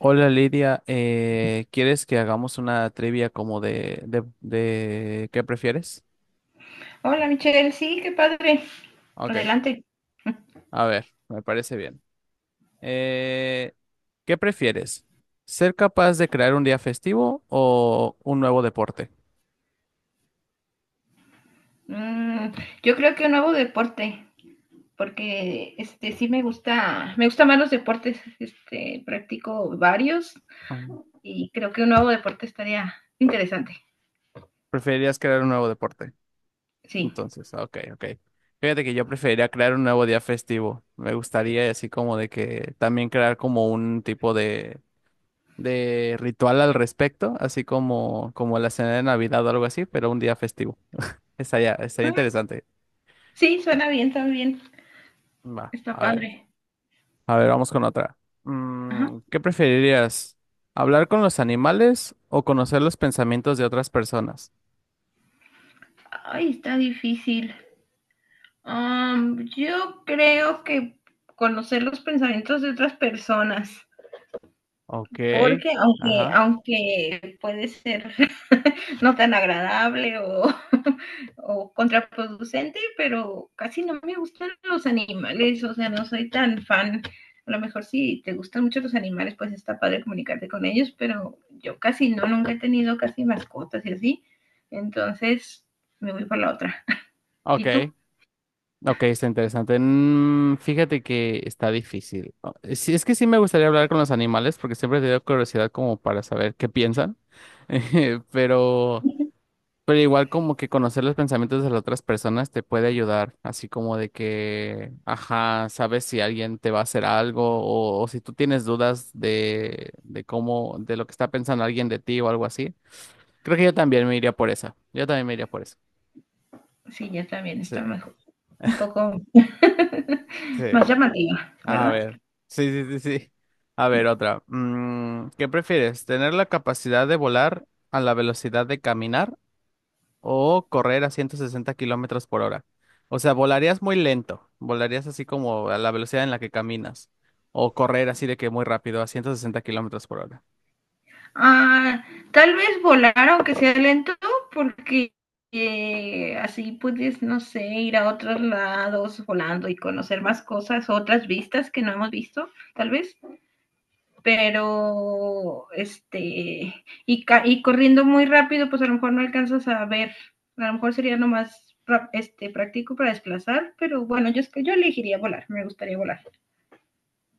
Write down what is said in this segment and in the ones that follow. Hola Lidia, ¿quieres que hagamos una trivia como de qué prefieres? Hola Michelle, sí, qué padre. Ok, Adelante. a ver, me parece bien. Eh, ¿Qué prefieres? ¿Ser capaz de crear un día festivo o un nuevo deporte? Mm, yo creo que un nuevo deporte, porque este sí me gusta, me gustan más los deportes, este, practico varios Mm. y creo que un nuevo deporte estaría interesante. Preferirías crear un nuevo deporte. Sí. Entonces, ok, ok. Fíjate que yo preferiría crear un nuevo día festivo. Me gustaría así como de que también crear como un tipo de ritual al respecto, así como la cena de Navidad o algo así, pero un día festivo. Estaría Mm. interesante. Sí, suena bien también. Va, Está a ver. padre. A ver, vamos con otra. Ajá. ¿Qué preferirías? ¿Hablar con los animales o conocer los pensamientos de otras personas? Ay, está difícil. Yo creo que conocer los pensamientos de otras personas, Ok, porque aunque, ajá. aunque puede ser no tan agradable o, o, contraproducente, pero casi no me gustan los animales, o sea, no soy tan fan. A lo mejor si te gustan mucho los animales, pues está padre comunicarte con ellos, pero yo casi no, nunca he tenido casi mascotas y así. Entonces me voy por la otra. Ok, ¿Y tú? ok, está interesante. Fíjate que está difícil. Sí, es que sí me gustaría hablar con los animales porque siempre he tenido curiosidad como para saber qué piensan. Pero igual como que conocer los pensamientos de las otras personas te puede ayudar, así como de que, ajá, sabes si alguien te va a hacer algo o si tú tienes dudas de cómo, de lo que está pensando alguien de ti o algo así. Creo que yo también me iría por esa. Yo también me iría por eso. Sí, ya también Sí, está mejor, un poco sí. más llamativa, A ¿verdad? ver. Sí, sí, sí, sí. A ver, otra. ¿Qué prefieres? ¿Tener la capacidad de volar a la velocidad de caminar o correr a 160 kilómetros por hora? O sea, volarías muy lento. Volarías así como a la velocidad en la que caminas. O correr así de que muy rápido a 160 kilómetros por hora. Ah, tal vez volar, aunque sea lento, porque así puedes, no sé, ir a otros lados volando y conocer más cosas, otras vistas que no hemos visto, tal vez. Pero, este, y, y corriendo muy rápido, pues a lo mejor no alcanzas a ver. A lo mejor sería lo más este, práctico para desplazar, pero bueno, yo, es que yo elegiría volar, me gustaría volar,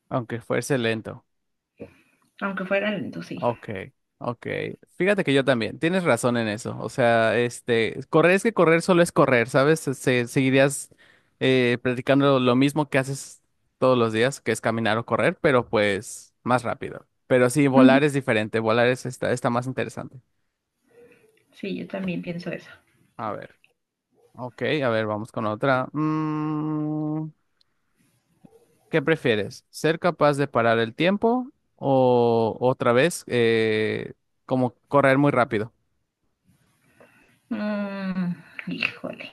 Aunque fuese lento. aunque fuera lento, sí. Ok, ok. Fíjate que yo también. Tienes razón en eso. O sea, este, correr es que correr solo es correr, ¿sabes? Seguirías practicando lo mismo que haces todos los días, que es caminar o correr, pero pues más rápido. Pero sí, Ujú. volar es diferente. Volar es, está más interesante. Sí, yo también pienso eso. A ver. Ok, a ver, vamos con otra. ¿Qué prefieres? ¿Ser capaz de parar el tiempo o otra vez como correr muy rápido? Mm, híjole.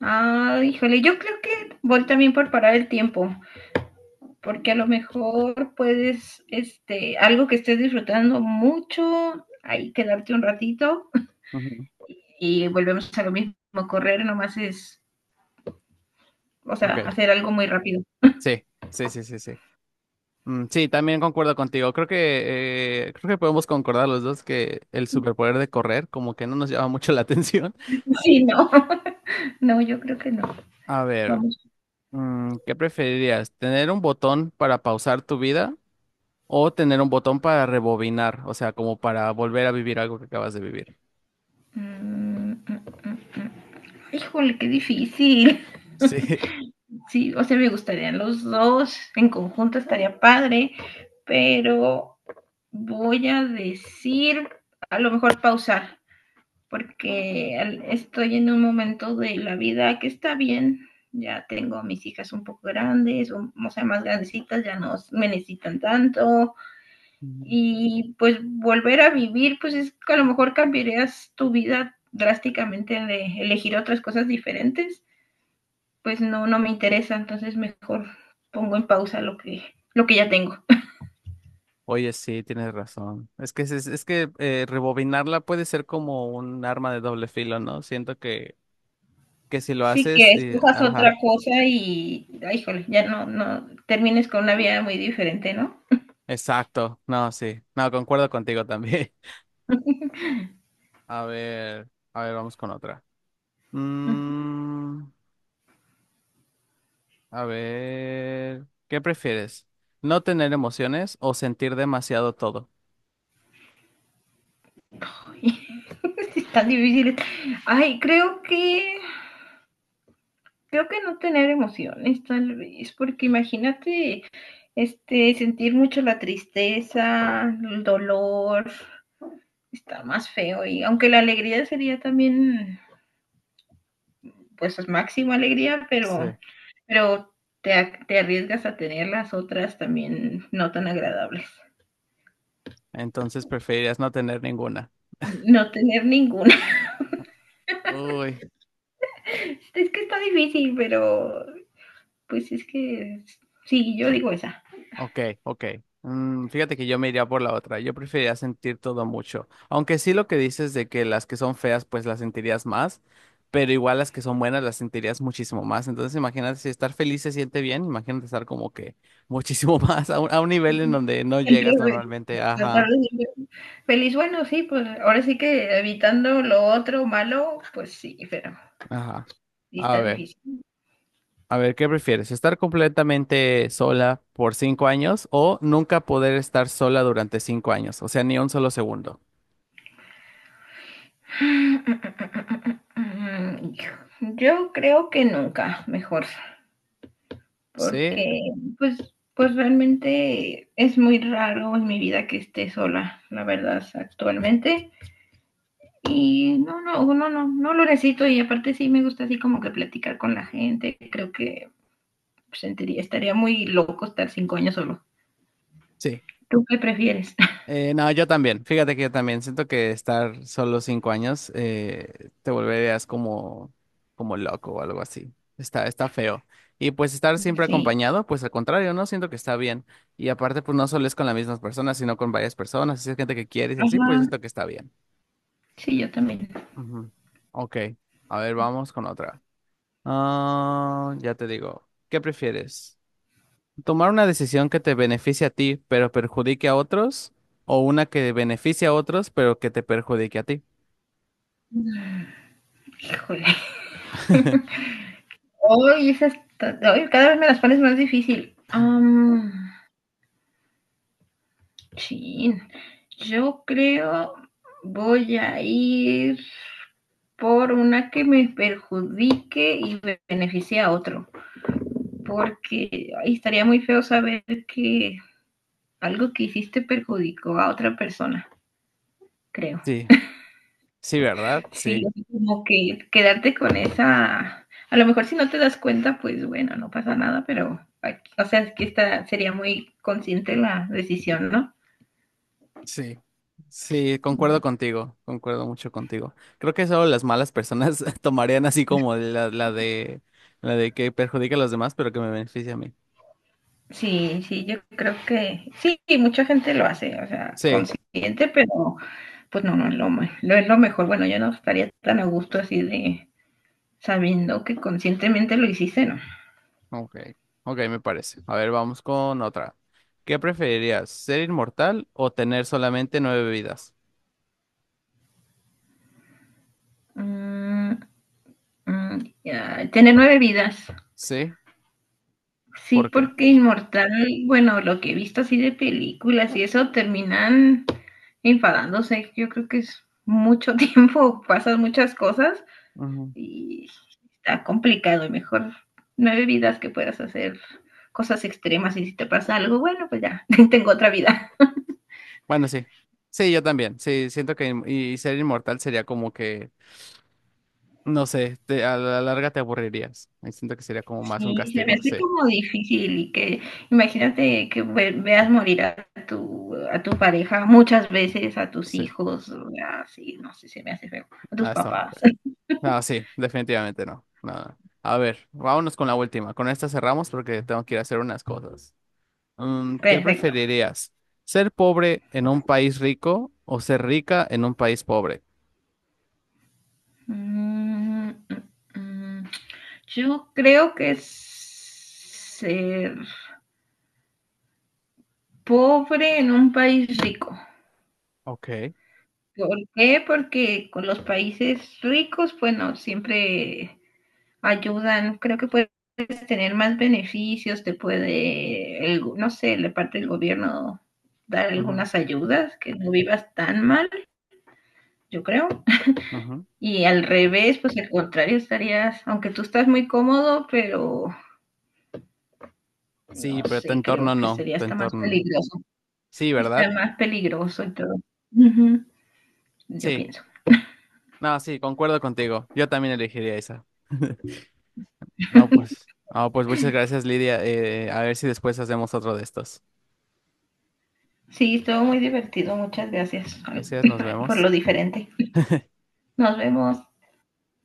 Ah, híjole, yo creo que voy también por parar el tiempo, porque a lo mejor puedes, este, algo que estés disfrutando mucho, ahí quedarte un ratito Ujú. y volvemos a lo mismo, correr nomás es, o sea, Ok, hacer algo muy rápido. sí, sí, sí, sí, sí. Mm, sí, también concuerdo contigo. Creo que podemos concordar los dos que el superpoder de correr como que no nos llama mucho la atención. Sí, no, no, yo creo que no. A ver, Vamos. ¿Qué preferirías? ¿Tener un botón para pausar tu vida? ¿O tener un botón para rebobinar, o sea, como para volver a vivir algo que acabas de vivir? Mm, mm, mm, mm. Híjole, qué difícil. Sí. Sí, o sea, me gustarían los dos, en conjunto estaría padre, pero voy a decir, a lo mejor pausar, porque estoy en un momento de la vida que está bien, ya tengo a mis hijas un poco grandes, o sea, más grandecitas, ya no me necesitan tanto, Ujú. y pues volver a vivir, pues es que a lo mejor cambiarías tu vida drásticamente de elegir otras cosas diferentes, pues no, no me interesa, entonces mejor pongo en pausa lo que ya tengo. Oye, sí, tienes razón. Es que, rebobinarla puede ser como un arma de doble filo, ¿no? Siento que si lo Sí, haces, que escojas otra ajá, cosa y, ay, híjole, ya no, no, termines con una vida muy diferente, ¿no? exacto. No, sí. No, concuerdo contigo también. A ver, vamos con otra. Mm, a ver, ¿qué prefieres? ¿No tener emociones o sentir demasiado todo? Es tan difícil. Ay, creo que no tener emociones, tal vez, porque imagínate, este, sentir mucho la tristeza, el dolor, está más feo y aunque la alegría sería también, pues, máxima alegría, Sí. pero te, te arriesgas a tener las otras también no tan agradables. Entonces preferirías no tener ninguna. No tener ninguna. Uy, Es que está difícil, pero pues es que sí, yo digo esa. ok, ok. Fíjate que yo me iría por la otra. Yo preferiría sentir todo mucho. Aunque sí lo que dices de que las que son feas, pues las sentirías más, pero igual las que son buenas las sentirías muchísimo más. Entonces imagínate si estar feliz se siente bien, imagínate estar como que muchísimo más a un nivel en Ujú. donde no Siempre llegas normalmente. bueno, tratar Ajá, de siempre feliz, bueno, sí, pues ahora sí que evitando lo otro malo, pues sí, pero ajá. sí A está ver. difícil. A ver, ¿qué prefieres? ¿Estar completamente sola por 5 años o nunca poder estar sola durante 5 años? O sea, ni un solo segundo. Yo creo que nunca, mejor. Sí, Porque pues, pues realmente es muy raro en mi vida que esté sola, la verdad, actualmente. Y no, no, no, no, no lo necesito y aparte sí me gusta así como que platicar con la gente. Creo que sentiría, estaría muy loco estar 5 años solo. sí. ¿Tú qué prefieres? No, yo también. Fíjate que yo también siento que estar solo 5 años te volverías como, como loco o algo así. Está feo. Y pues estar siempre Sí. acompañado, pues al contrario, ¿no? Siento que está bien. Y aparte, pues no solo es con las mismas personas, sino con varias personas. Si es gente que quieres y así, Ajá. pues siento que está bien. Sí, yo también. Ujú. Ok. A ver, vamos con otra. Ah, ya te digo, ¿qué prefieres? ¿Tomar una decisión que te beneficie a ti, pero perjudique a otros? ¿O una que beneficie a otros, pero que te perjudique a ti? Híjole. Hoy esas, hoy cada vez me las pones más difícil. Chin, yo creo voy a ir por una que me perjudique y beneficie a otro, porque ay, estaría muy feo saber que algo que hiciste perjudicó a otra persona, creo. Sí, sí, ¿verdad? Sí, Sí, como que quedarte con esa, a lo mejor si no te das cuenta, pues bueno, no pasa nada, pero, o sea, es que esta sería muy consciente la decisión, ¿no? sí, sí, concuerdo contigo, concuerdo mucho contigo. Creo que solo las malas personas tomarían así como la de que perjudique a los demás, pero que me beneficie a mí. Sí, sí, yo creo que sí, mucha gente lo hace, o sea, Sí. consciente, pero pues no, no es lo, no es lo mejor. Bueno, yo no estaría tan a gusto así de sabiendo que conscientemente lo hiciste, ¿no? Ok, ok, me parece. A ver, vamos con otra. ¿Qué preferirías, ser inmortal o tener solamente nueve vidas? Mm, mm, ya, tiene nueve vidas. Sí, Sí, ¿por qué? porque inmortal, bueno, lo que he visto así de películas y eso terminan enfadándose. Yo creo que es mucho tiempo, pasan muchas cosas Ujú. y está complicado y mejor nueve vidas que puedas hacer cosas extremas y si te pasa algo, bueno, pues ya, tengo otra vida. Bueno, sí. Sí, yo también. Sí, siento que y ser inmortal sería como que, no sé, a la larga te aburrirías. Y siento que sería como más un Sí, se me castigo. Sí, hace como difícil y que imagínate que veas morir a tu pareja muchas veces, a tus sí. hijos, o sea, sí, no sé, se me hace feo, a tus Ah, está muy papás. feo. No, sí, definitivamente no. No, no. A ver, vámonos con la última. Con esta cerramos porque tengo que ir a hacer unas cosas. ¿Qué Perfecto. preferirías? ¿Ser pobre en un país rico o ser rica en un país pobre? Mm, mm, mm. Yo creo que es ser pobre en un país rico. Ok. ¿Por qué? Porque con los países ricos, bueno, siempre ayudan, creo que puedes tener más beneficios, te puede, no sé, la parte del gobierno dar Ujú, algunas ayudas, que no vivas tan mal, yo creo. ujú. Y al revés, pues al contrario, estarías, aunque tú estás muy cómodo, pero Sí, no pero tu sé, entorno creo que no, sería tu hasta más entorno no. peligroso, Sí, está ¿verdad? más peligroso y todo. Ujú, yo Sí. pienso. No, sí, concuerdo contigo. Yo también elegiría esa. No, pues, no, pues muchas gracias, Lidia. A ver si después hacemos otro de estos. Sí, estuvo muy divertido. Muchas gracias Gracias, nos por vemos. lo diferente. Nos vemos.